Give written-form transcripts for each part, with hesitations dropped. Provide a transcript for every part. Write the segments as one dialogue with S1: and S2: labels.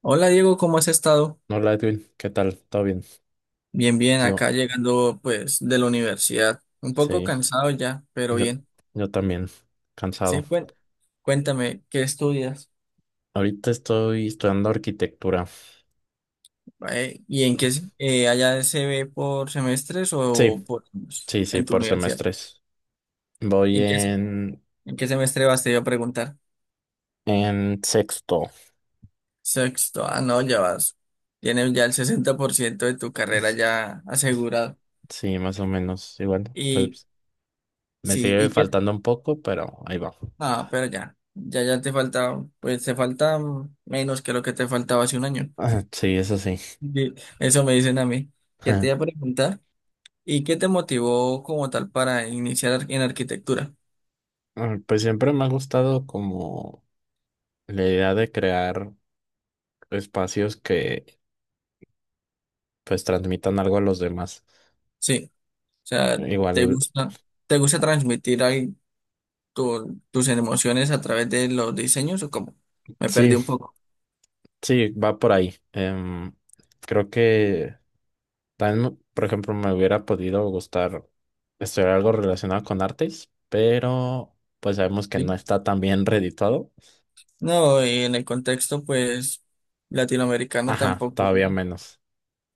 S1: Hola Diego, ¿cómo has estado?
S2: Hola Edwin, ¿qué tal? ¿Todo bien?
S1: Bien, bien,
S2: Yo,
S1: acá llegando pues de la universidad. Un poco
S2: sí,
S1: cansado ya, pero
S2: yo,
S1: bien.
S2: yo también,
S1: Sí,
S2: cansado.
S1: cuéntame, ¿qué estudias?
S2: Ahorita estoy estudiando arquitectura.
S1: ¿Y en qué allá se ve por semestres o
S2: Sí,
S1: por años
S2: sí, sí,
S1: en tu
S2: por
S1: universidad?
S2: semestres. Voy
S1: ¿En qué,
S2: en,
S1: ¿En qué semestre vas? Te iba a preguntar.
S2: en sexto,
S1: Sexto, ah, no, ya vas. Tienes ya el 60% de tu carrera ya asegurado.
S2: sí, más o menos, igual.
S1: Y
S2: Pues me
S1: sí,
S2: sigue
S1: ¿y qué?
S2: faltando un poco, pero ahí va.
S1: Ah, pero ya te falta, pues te falta menos que lo que te faltaba hace un año.
S2: Sí, eso sí.
S1: Eso me dicen a mí. ¿Qué te iba a preguntar, ¿y qué te motivó como tal para iniciar en arquitectura?
S2: Ah, pues siempre me ha gustado como la idea de crear espacios que pues transmitan algo a los demás.
S1: Sí, o sea, ¿te
S2: Igual,
S1: gusta, ¿te gusta transmitir ahí tus emociones a través de los diseños o cómo? Me
S2: sí.
S1: perdí un poco.
S2: Sí, va por ahí. Creo que también, por ejemplo, me hubiera podido gustar estudiar algo relacionado con artes, pero pues sabemos que no
S1: ¿Sí?
S2: está tan bien reeditado.
S1: No, y en el contexto, pues, latinoamericano
S2: Ajá,
S1: tampoco.
S2: todavía menos.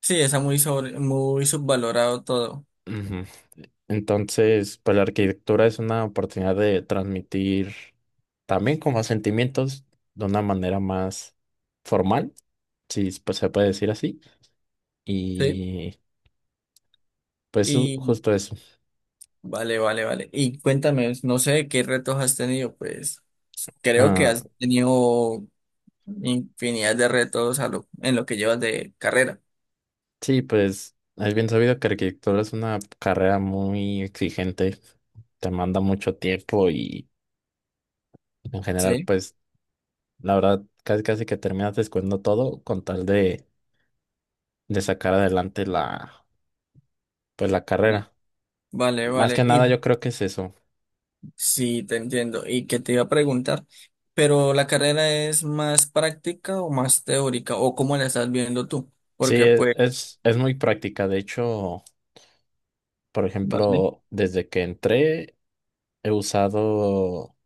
S1: Sí, está muy subvalorado todo.
S2: Ujú. Entonces, pues la arquitectura es una oportunidad de transmitir también como sentimientos de una manera más formal, si pues, se puede decir así.
S1: Sí.
S2: Y pues justo eso.
S1: Vale, vale, vale. Y cuéntame, no sé qué retos has tenido, pues creo que
S2: Ah,
S1: has tenido infinidad de retos a en lo que llevas de carrera,
S2: sí, pues es bien sabido que arquitectura es una carrera muy exigente, te manda mucho tiempo y en general,
S1: ¿sí?
S2: pues la verdad, casi casi que terminas descuidando todo con tal de sacar adelante la, pues, la
S1: Va-
S2: carrera.
S1: Vale,
S2: Más
S1: vale.
S2: que nada,
S1: Y
S2: yo creo que es eso.
S1: sí, te entiendo. Y que te iba a preguntar, pero ¿la carrera es más práctica o más teórica? ¿O cómo la estás viendo tú?
S2: Sí,
S1: Porque pues,
S2: es muy práctica. De hecho, por
S1: vale,
S2: ejemplo, desde que entré, he usado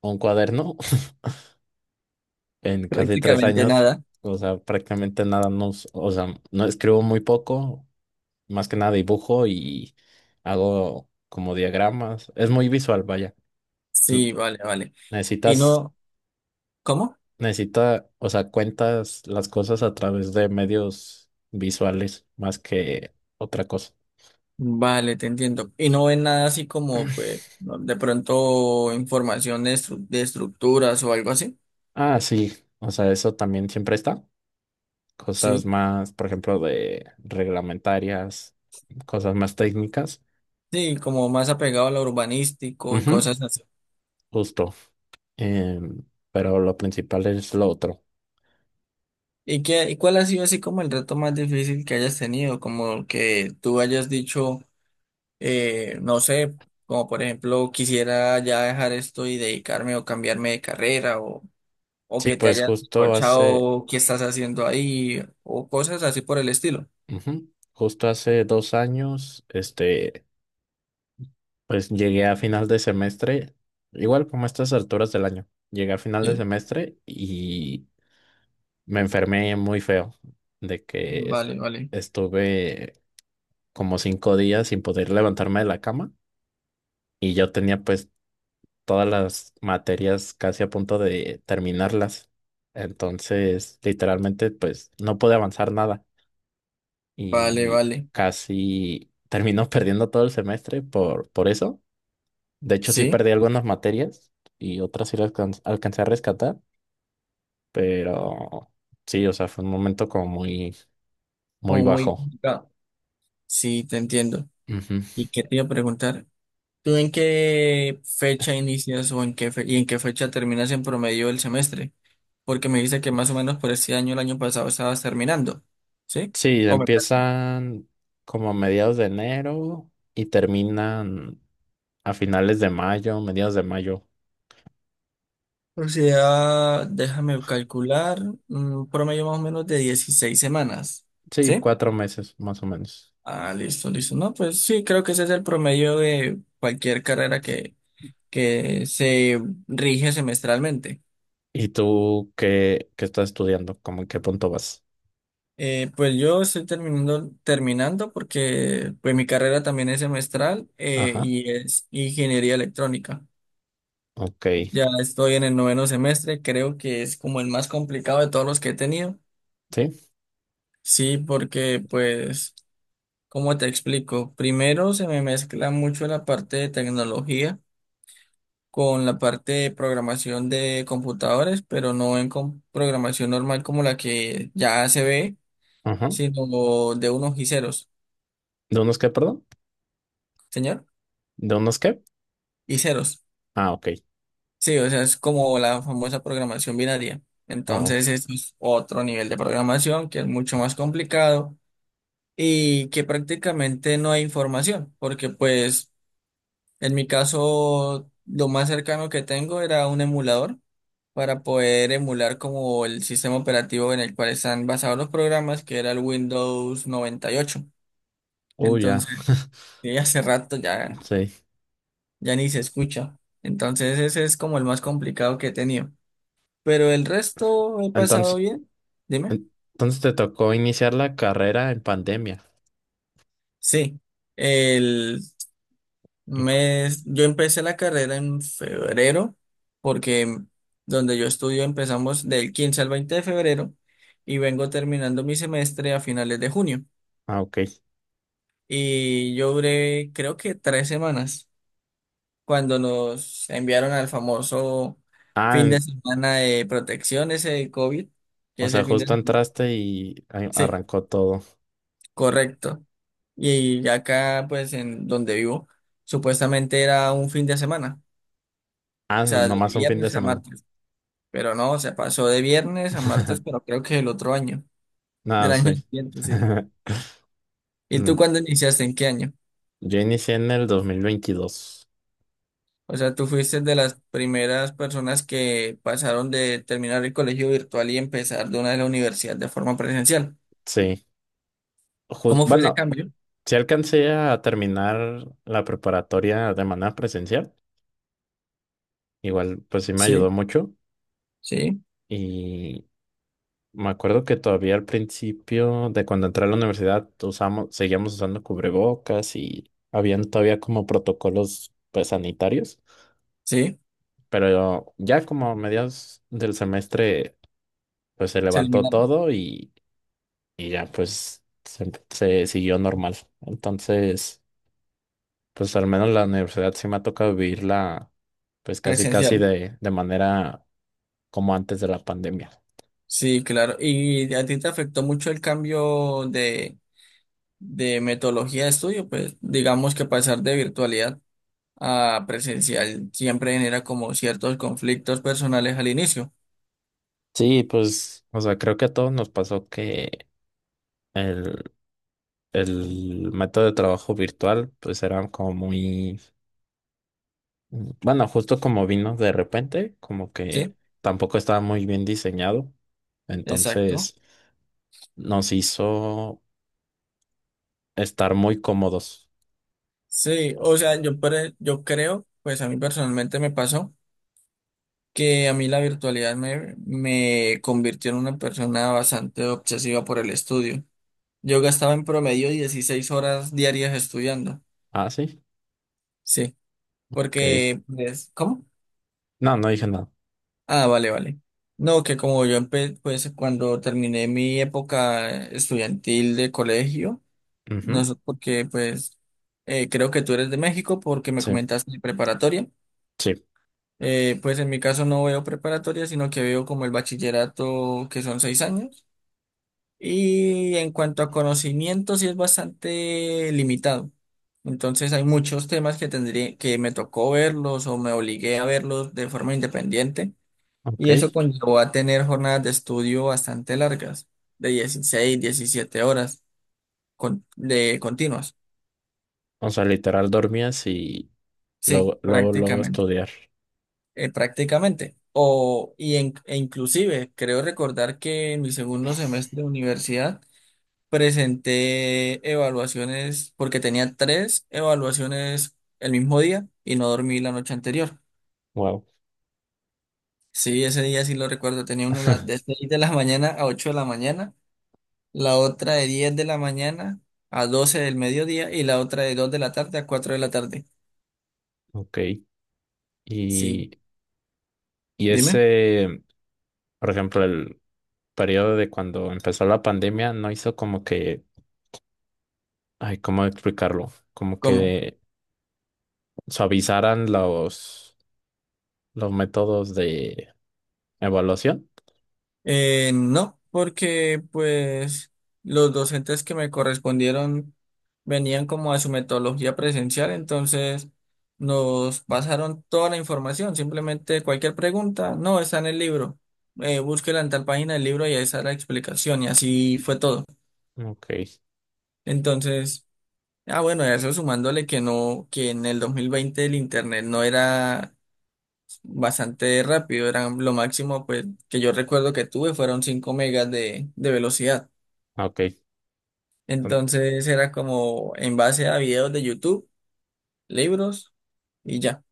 S2: un cuaderno en casi tres
S1: prácticamente
S2: años.
S1: nada.
S2: O sea, prácticamente nada, no, o sea, no escribo muy poco más que nada dibujo y hago como diagramas. Es muy visual, vaya. N-
S1: Sí, vale, vale. Y
S2: Necesitas,
S1: no, ¿cómo?
S2: necesita, o sea, cuentas las cosas a través de medios visuales más que otra cosa.
S1: Vale, te entiendo. Y no ven nada así como, pues, de pronto información de, de estructuras o algo así.
S2: Ah, sí, o sea, eso también siempre está. Cosas
S1: Sí,
S2: más, por ejemplo, de reglamentarias, cosas más técnicas.
S1: sí, como más apegado a lo urbanístico y
S2: Ujú,
S1: cosas así.
S2: justo. Em, pero lo principal es lo otro.
S1: ¿Y qué, y cuál ha sido así como el reto más difícil que hayas tenido? Como que tú hayas dicho, no sé, como por ejemplo, quisiera ya dejar esto y dedicarme o cambiarme de carrera o
S2: Sí,
S1: que te
S2: pues
S1: hayas
S2: justo hace,
S1: escuchado qué estás haciendo ahí o cosas así por el estilo.
S2: Ujú. Justo hace 2 años, pues llegué a final de semestre, igual como a estas alturas del año, llegué a final de
S1: Sí,
S2: semestre y me enfermé muy feo, de que
S1: vale, vale.
S2: estuve como 5 días sin poder levantarme de la cama y yo tenía pues todas las materias casi a punto de terminarlas. Entonces, literalmente, pues no pude avanzar nada.
S1: Vale,
S2: Y
S1: vale.
S2: casi terminó perdiendo todo el semestre por eso. De hecho, sí
S1: Sí,
S2: perdí algunas materias y otras sí las alcancé a rescatar, pero sí, o sea, fue un momento como muy, muy
S1: como muy
S2: bajo.
S1: complicado. Sí, te entiendo.
S2: Ujú.
S1: ¿Y qué te iba a preguntar? ¿Tú en qué fecha inicias o en qué y en qué fecha terminas en promedio el semestre? Porque me dice que más o menos por este año, el año pasado, estabas terminando. ¿Sí?
S2: Sí,
S1: O me...
S2: empiezan como a mediados de enero y terminan a finales de mayo, mediados de mayo.
S1: O sea, déjame calcular, un promedio más o menos de 16 semanas.
S2: Sí,
S1: ¿Sí?
S2: 4 meses más o menos.
S1: Ah, listo, listo. No, pues sí, creo que ese es el promedio de cualquier que se rige semestralmente.
S2: ¿Y tú qué, qué estás estudiando? ¿Cómo en qué punto vas?
S1: Pues yo estoy terminando porque pues mi carrera también es semestral,
S2: Ajá,
S1: y es ingeniería electrónica.
S2: ok,
S1: Ya estoy en el noveno semestre, creo que es como el más complicado de todos los que he tenido.
S2: sí,
S1: Sí, porque pues, ¿cómo te explico? Primero se me mezcla mucho la parte de tecnología con la parte de programación de computadores, pero no en programación normal como la que ya se ve,
S2: ajá.
S1: sino de unos y ceros,
S2: ¿De unos qué, perdón?
S1: señor,
S2: ¿De unos qué?
S1: y ceros.
S2: Ah, ok.
S1: Sí, o sea, es como la famosa programación binaria.
S2: Oh,
S1: Entonces, eso es otro nivel de programación que es mucho más complicado y que prácticamente no hay información, porque pues en mi caso lo más cercano que tengo era un emulador para poder emular como el sistema operativo en el cual están basados los programas, que era el Windows 98.
S2: oh, ya,
S1: Entonces, sí, hace rato ya,
S2: sí.
S1: ya ni se escucha. Entonces, ese es como el más complicado que he tenido. Pero el resto he pasado
S2: Entonces,
S1: bien. Dime.
S2: entonces te tocó iniciar la carrera en pandemia.
S1: Sí. El
S2: Y co-
S1: mes, yo empecé la carrera en febrero, porque donde yo estudio empezamos del 15 al 20 de febrero y vengo terminando mi semestre a finales de junio.
S2: Ah, ok.
S1: Y yo duré, creo que tres semanas, cuando nos enviaron al famoso
S2: Ah,
S1: fin de semana de protección, ese de COVID, que
S2: o sea,
S1: ese fin de
S2: justo
S1: semana.
S2: entraste y
S1: Sí,
S2: arrancó todo.
S1: correcto. Y acá, pues, en donde vivo, supuestamente era un fin de semana,
S2: Ah,
S1: o sea, de
S2: nomás un fin de
S1: viernes a
S2: semana.
S1: martes, pero no, se pasó de viernes a martes, pero creo que el otro año, del
S2: Nada,
S1: año
S2: sí.
S1: siguiente, sí. ¿Y tú
S2: Mm,
S1: cuándo iniciaste? ¿En qué año?
S2: yo inicié en el 2022.
S1: O sea, tú fuiste de las primeras personas que pasaron de terminar el colegio virtual y empezar de una de la universidad de forma presencial.
S2: Sí.
S1: ¿Cómo fue ese
S2: Bueno,
S1: cambio?
S2: sí alcancé a terminar la preparatoria de manera presencial. Igual, pues sí me ayudó
S1: Sí,
S2: mucho.
S1: sí,
S2: Y me acuerdo que todavía al principio de cuando entré a la universidad usamos, seguíamos usando cubrebocas y habían todavía como protocolos pues sanitarios,
S1: sí,
S2: pero ya como a mediados del semestre pues se
S1: se
S2: levantó
S1: eliminaron.
S2: todo y ya pues se siguió normal. Entonces pues al menos la universidad sí me ha tocado vivirla pues casi casi
S1: Presencial.
S2: de manera como antes de la pandemia.
S1: Sí, claro. ¿Y a ti te afectó mucho el cambio de metodología de estudio, pues digamos que pasar de virtualidad a presencial siempre genera como ciertos conflictos personales al inicio,
S2: Sí, pues o sea creo que a todos nos pasó que... El, el método de trabajo virtual, pues era como muy, bueno, justo como vino de repente, como que
S1: ¿sí?
S2: tampoco estaba muy bien diseñado,
S1: Exacto.
S2: entonces nos hizo estar muy cómodos.
S1: Sí, o
S2: O-
S1: sea, yo creo, pues a mí personalmente me pasó que a mí la me convirtió en una persona bastante obsesiva por el estudio. Yo gastaba en promedio 16 horas diarias estudiando,
S2: Ah, sí,
S1: sí,
S2: ok.
S1: porque, pues, ¿cómo?
S2: No, no dije nada.
S1: Ah, vale, vale. No, que como yo empe pues cuando terminé mi época estudiantil de colegio, no
S2: Ujú,
S1: sé porque pues creo que tú eres de México porque me
S2: sí,
S1: comentaste de preparatoria.
S2: sí,
S1: Pues en mi caso no veo preparatoria, sino que veo como el bachillerato que son seis años. Y en cuanto a conocimiento, sí es bastante limitado. Entonces hay muchos temas que me tocó verlos o me obligué a verlos de forma independiente
S2: ok.
S1: y eso conllevó a tener jornadas de estudio bastante largas, de 16, 17 horas de continuas.
S2: O sea, literal dormías y
S1: Sí,
S2: luego, luego, luego
S1: prácticamente.
S2: estudiar.
S1: Prácticamente. O, y e inclusive, creo recordar que en mi segundo semestre de universidad presenté evaluaciones, porque tenía tres evaluaciones el mismo día y no dormí la noche anterior.
S2: Wow,
S1: Sí, ese día sí lo recuerdo, tenía de 6 de la mañana a 8 de la mañana, la otra de 10 de la mañana a 12 del mediodía y la otra de 2 de la tarde a 4 de la tarde.
S2: ok.
S1: Sí,
S2: Y, y
S1: dime,
S2: ese... Por ejemplo, el periodo de cuando empezó la pandemia no hizo como que, ay, ¿cómo explicarlo? Como
S1: ¿cómo?
S2: que suavizaran los métodos de evaluación.
S1: No, porque pues los docentes que me correspondieron venían como a su metodología presencial, entonces nos pasaron toda la información, simplemente cualquier pregunta, no, está en el libro, búsquela en tal página del libro y ahí está la explicación y así fue todo.
S2: Ok,
S1: Entonces... Ah, bueno, eso sumándole que no, que en el 2020 el internet no era bastante rápido, eran lo máximo pues que yo recuerdo que tuve fueron 5 megas de velocidad.
S2: ok. Ton-
S1: Entonces era como en base a videos de YouTube, libros y ya.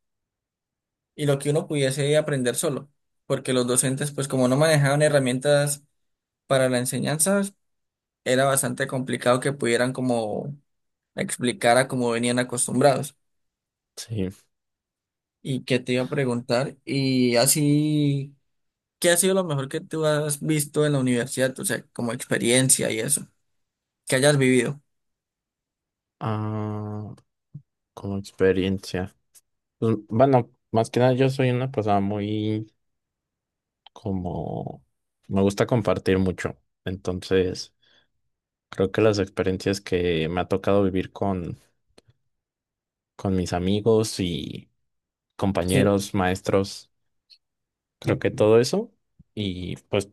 S1: Y lo que uno pudiese aprender solo, porque los docentes pues como no manejaban herramientas para la enseñanza, era bastante complicado que pudieran como explicar a como venían acostumbrados.
S2: Sí.
S1: ¿Y qué te iba a preguntar? Y así, ¿qué ha sido lo mejor que tú has visto en la universidad? O sea, como experiencia y eso, que hayas vivido.
S2: Ah, como experiencia. Pues, bueno, más que nada yo soy una persona muy como... Me gusta compartir mucho. Entonces, creo que las experiencias que me ha tocado vivir con mis amigos y
S1: Sí.
S2: compañeros, maestros, creo que todo eso. Y pues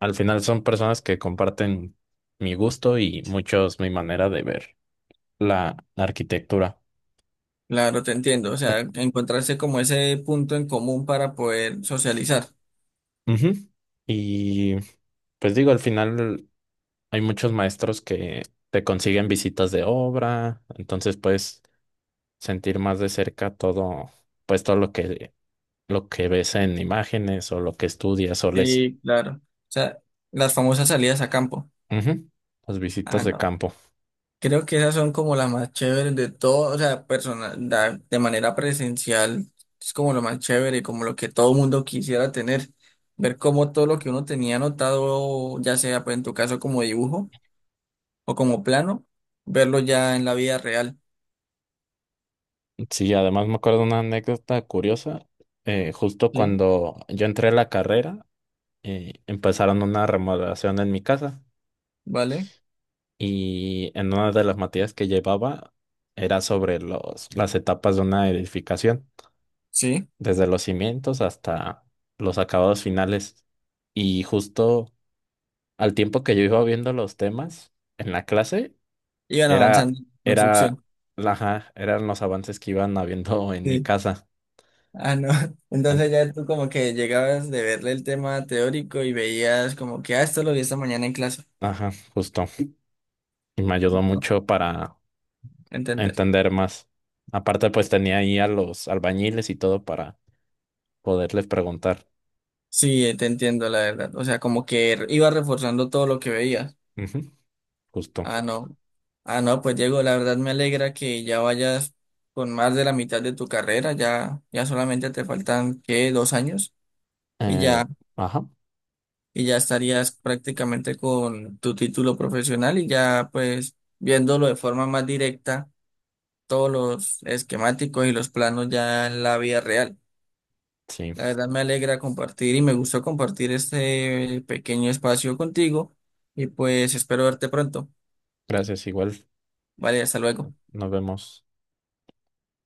S2: al final son personas que comparten mi gusto y muchos mi manera de ver la arquitectura.
S1: Claro, te entiendo. O sea, encontrarse como ese punto en común para poder socializar.
S2: Ujú. Y pues digo, al final hay muchos maestros que te consiguen visitas de obra, entonces puedes sentir más de cerca todo, pues todo lo que ves en imágenes o lo que estudias o lees.
S1: Sí, claro. O sea, las famosas salidas a campo.
S2: Ujú. Las
S1: Ah,
S2: visitas de
S1: no.
S2: campo.
S1: Creo que esas son como las más chéveres de todo, o sea, personal, de manera presencial, es como lo más chévere, como lo que todo mundo quisiera tener, ver cómo todo lo que uno tenía anotado, ya sea pues en tu caso como dibujo o como plano, verlo ya en la vida real.
S2: Sí, además me acuerdo de una anécdota curiosa. Eh, justo
S1: Sí,
S2: cuando yo entré a la carrera, empezaron una remodelación en mi casa
S1: ¿vale?
S2: y en una de las materias que llevaba era sobre los, las etapas de una edificación,
S1: Sí,
S2: desde los cimientos hasta los acabados finales. Y justo al tiempo que yo iba viendo los temas en la clase,
S1: iban
S2: era,
S1: avanzando en
S2: era,
S1: construcción.
S2: ajá, eran los avances que iban habiendo en mi
S1: Sí.
S2: casa.
S1: Ah, no.
S2: En-
S1: Entonces ya tú como que llegabas de verle el tema teórico y veías como que, ah, esto lo vi esta mañana en clase,
S2: Ajá, justo. Y me ayudó mucho para
S1: ¿entendés?
S2: entender más. Aparte, pues tenía ahí a los albañiles y todo para poderles preguntar.
S1: Sí, te entiendo, la verdad. O sea, como que iba reforzando todo lo que veías.
S2: Ujú, justo.
S1: Ah, no. Ah, no, pues Diego, la verdad me alegra que ya vayas con más de la mitad de tu carrera. Ya solamente te faltan, ¿qué? Dos años. Y
S2: Eh,
S1: ya,
S2: ajá,
S1: y ya estarías prácticamente con tu título profesional y ya, pues, viéndolo de forma más directa, todos los esquemáticos y los planos ya en la vida real.
S2: sí.
S1: La verdad me alegra compartir y me gustó compartir este pequeño espacio contigo y pues espero verte pronto.
S2: Gracias, igual.
S1: Vale, hasta luego.
S2: Nos vemos.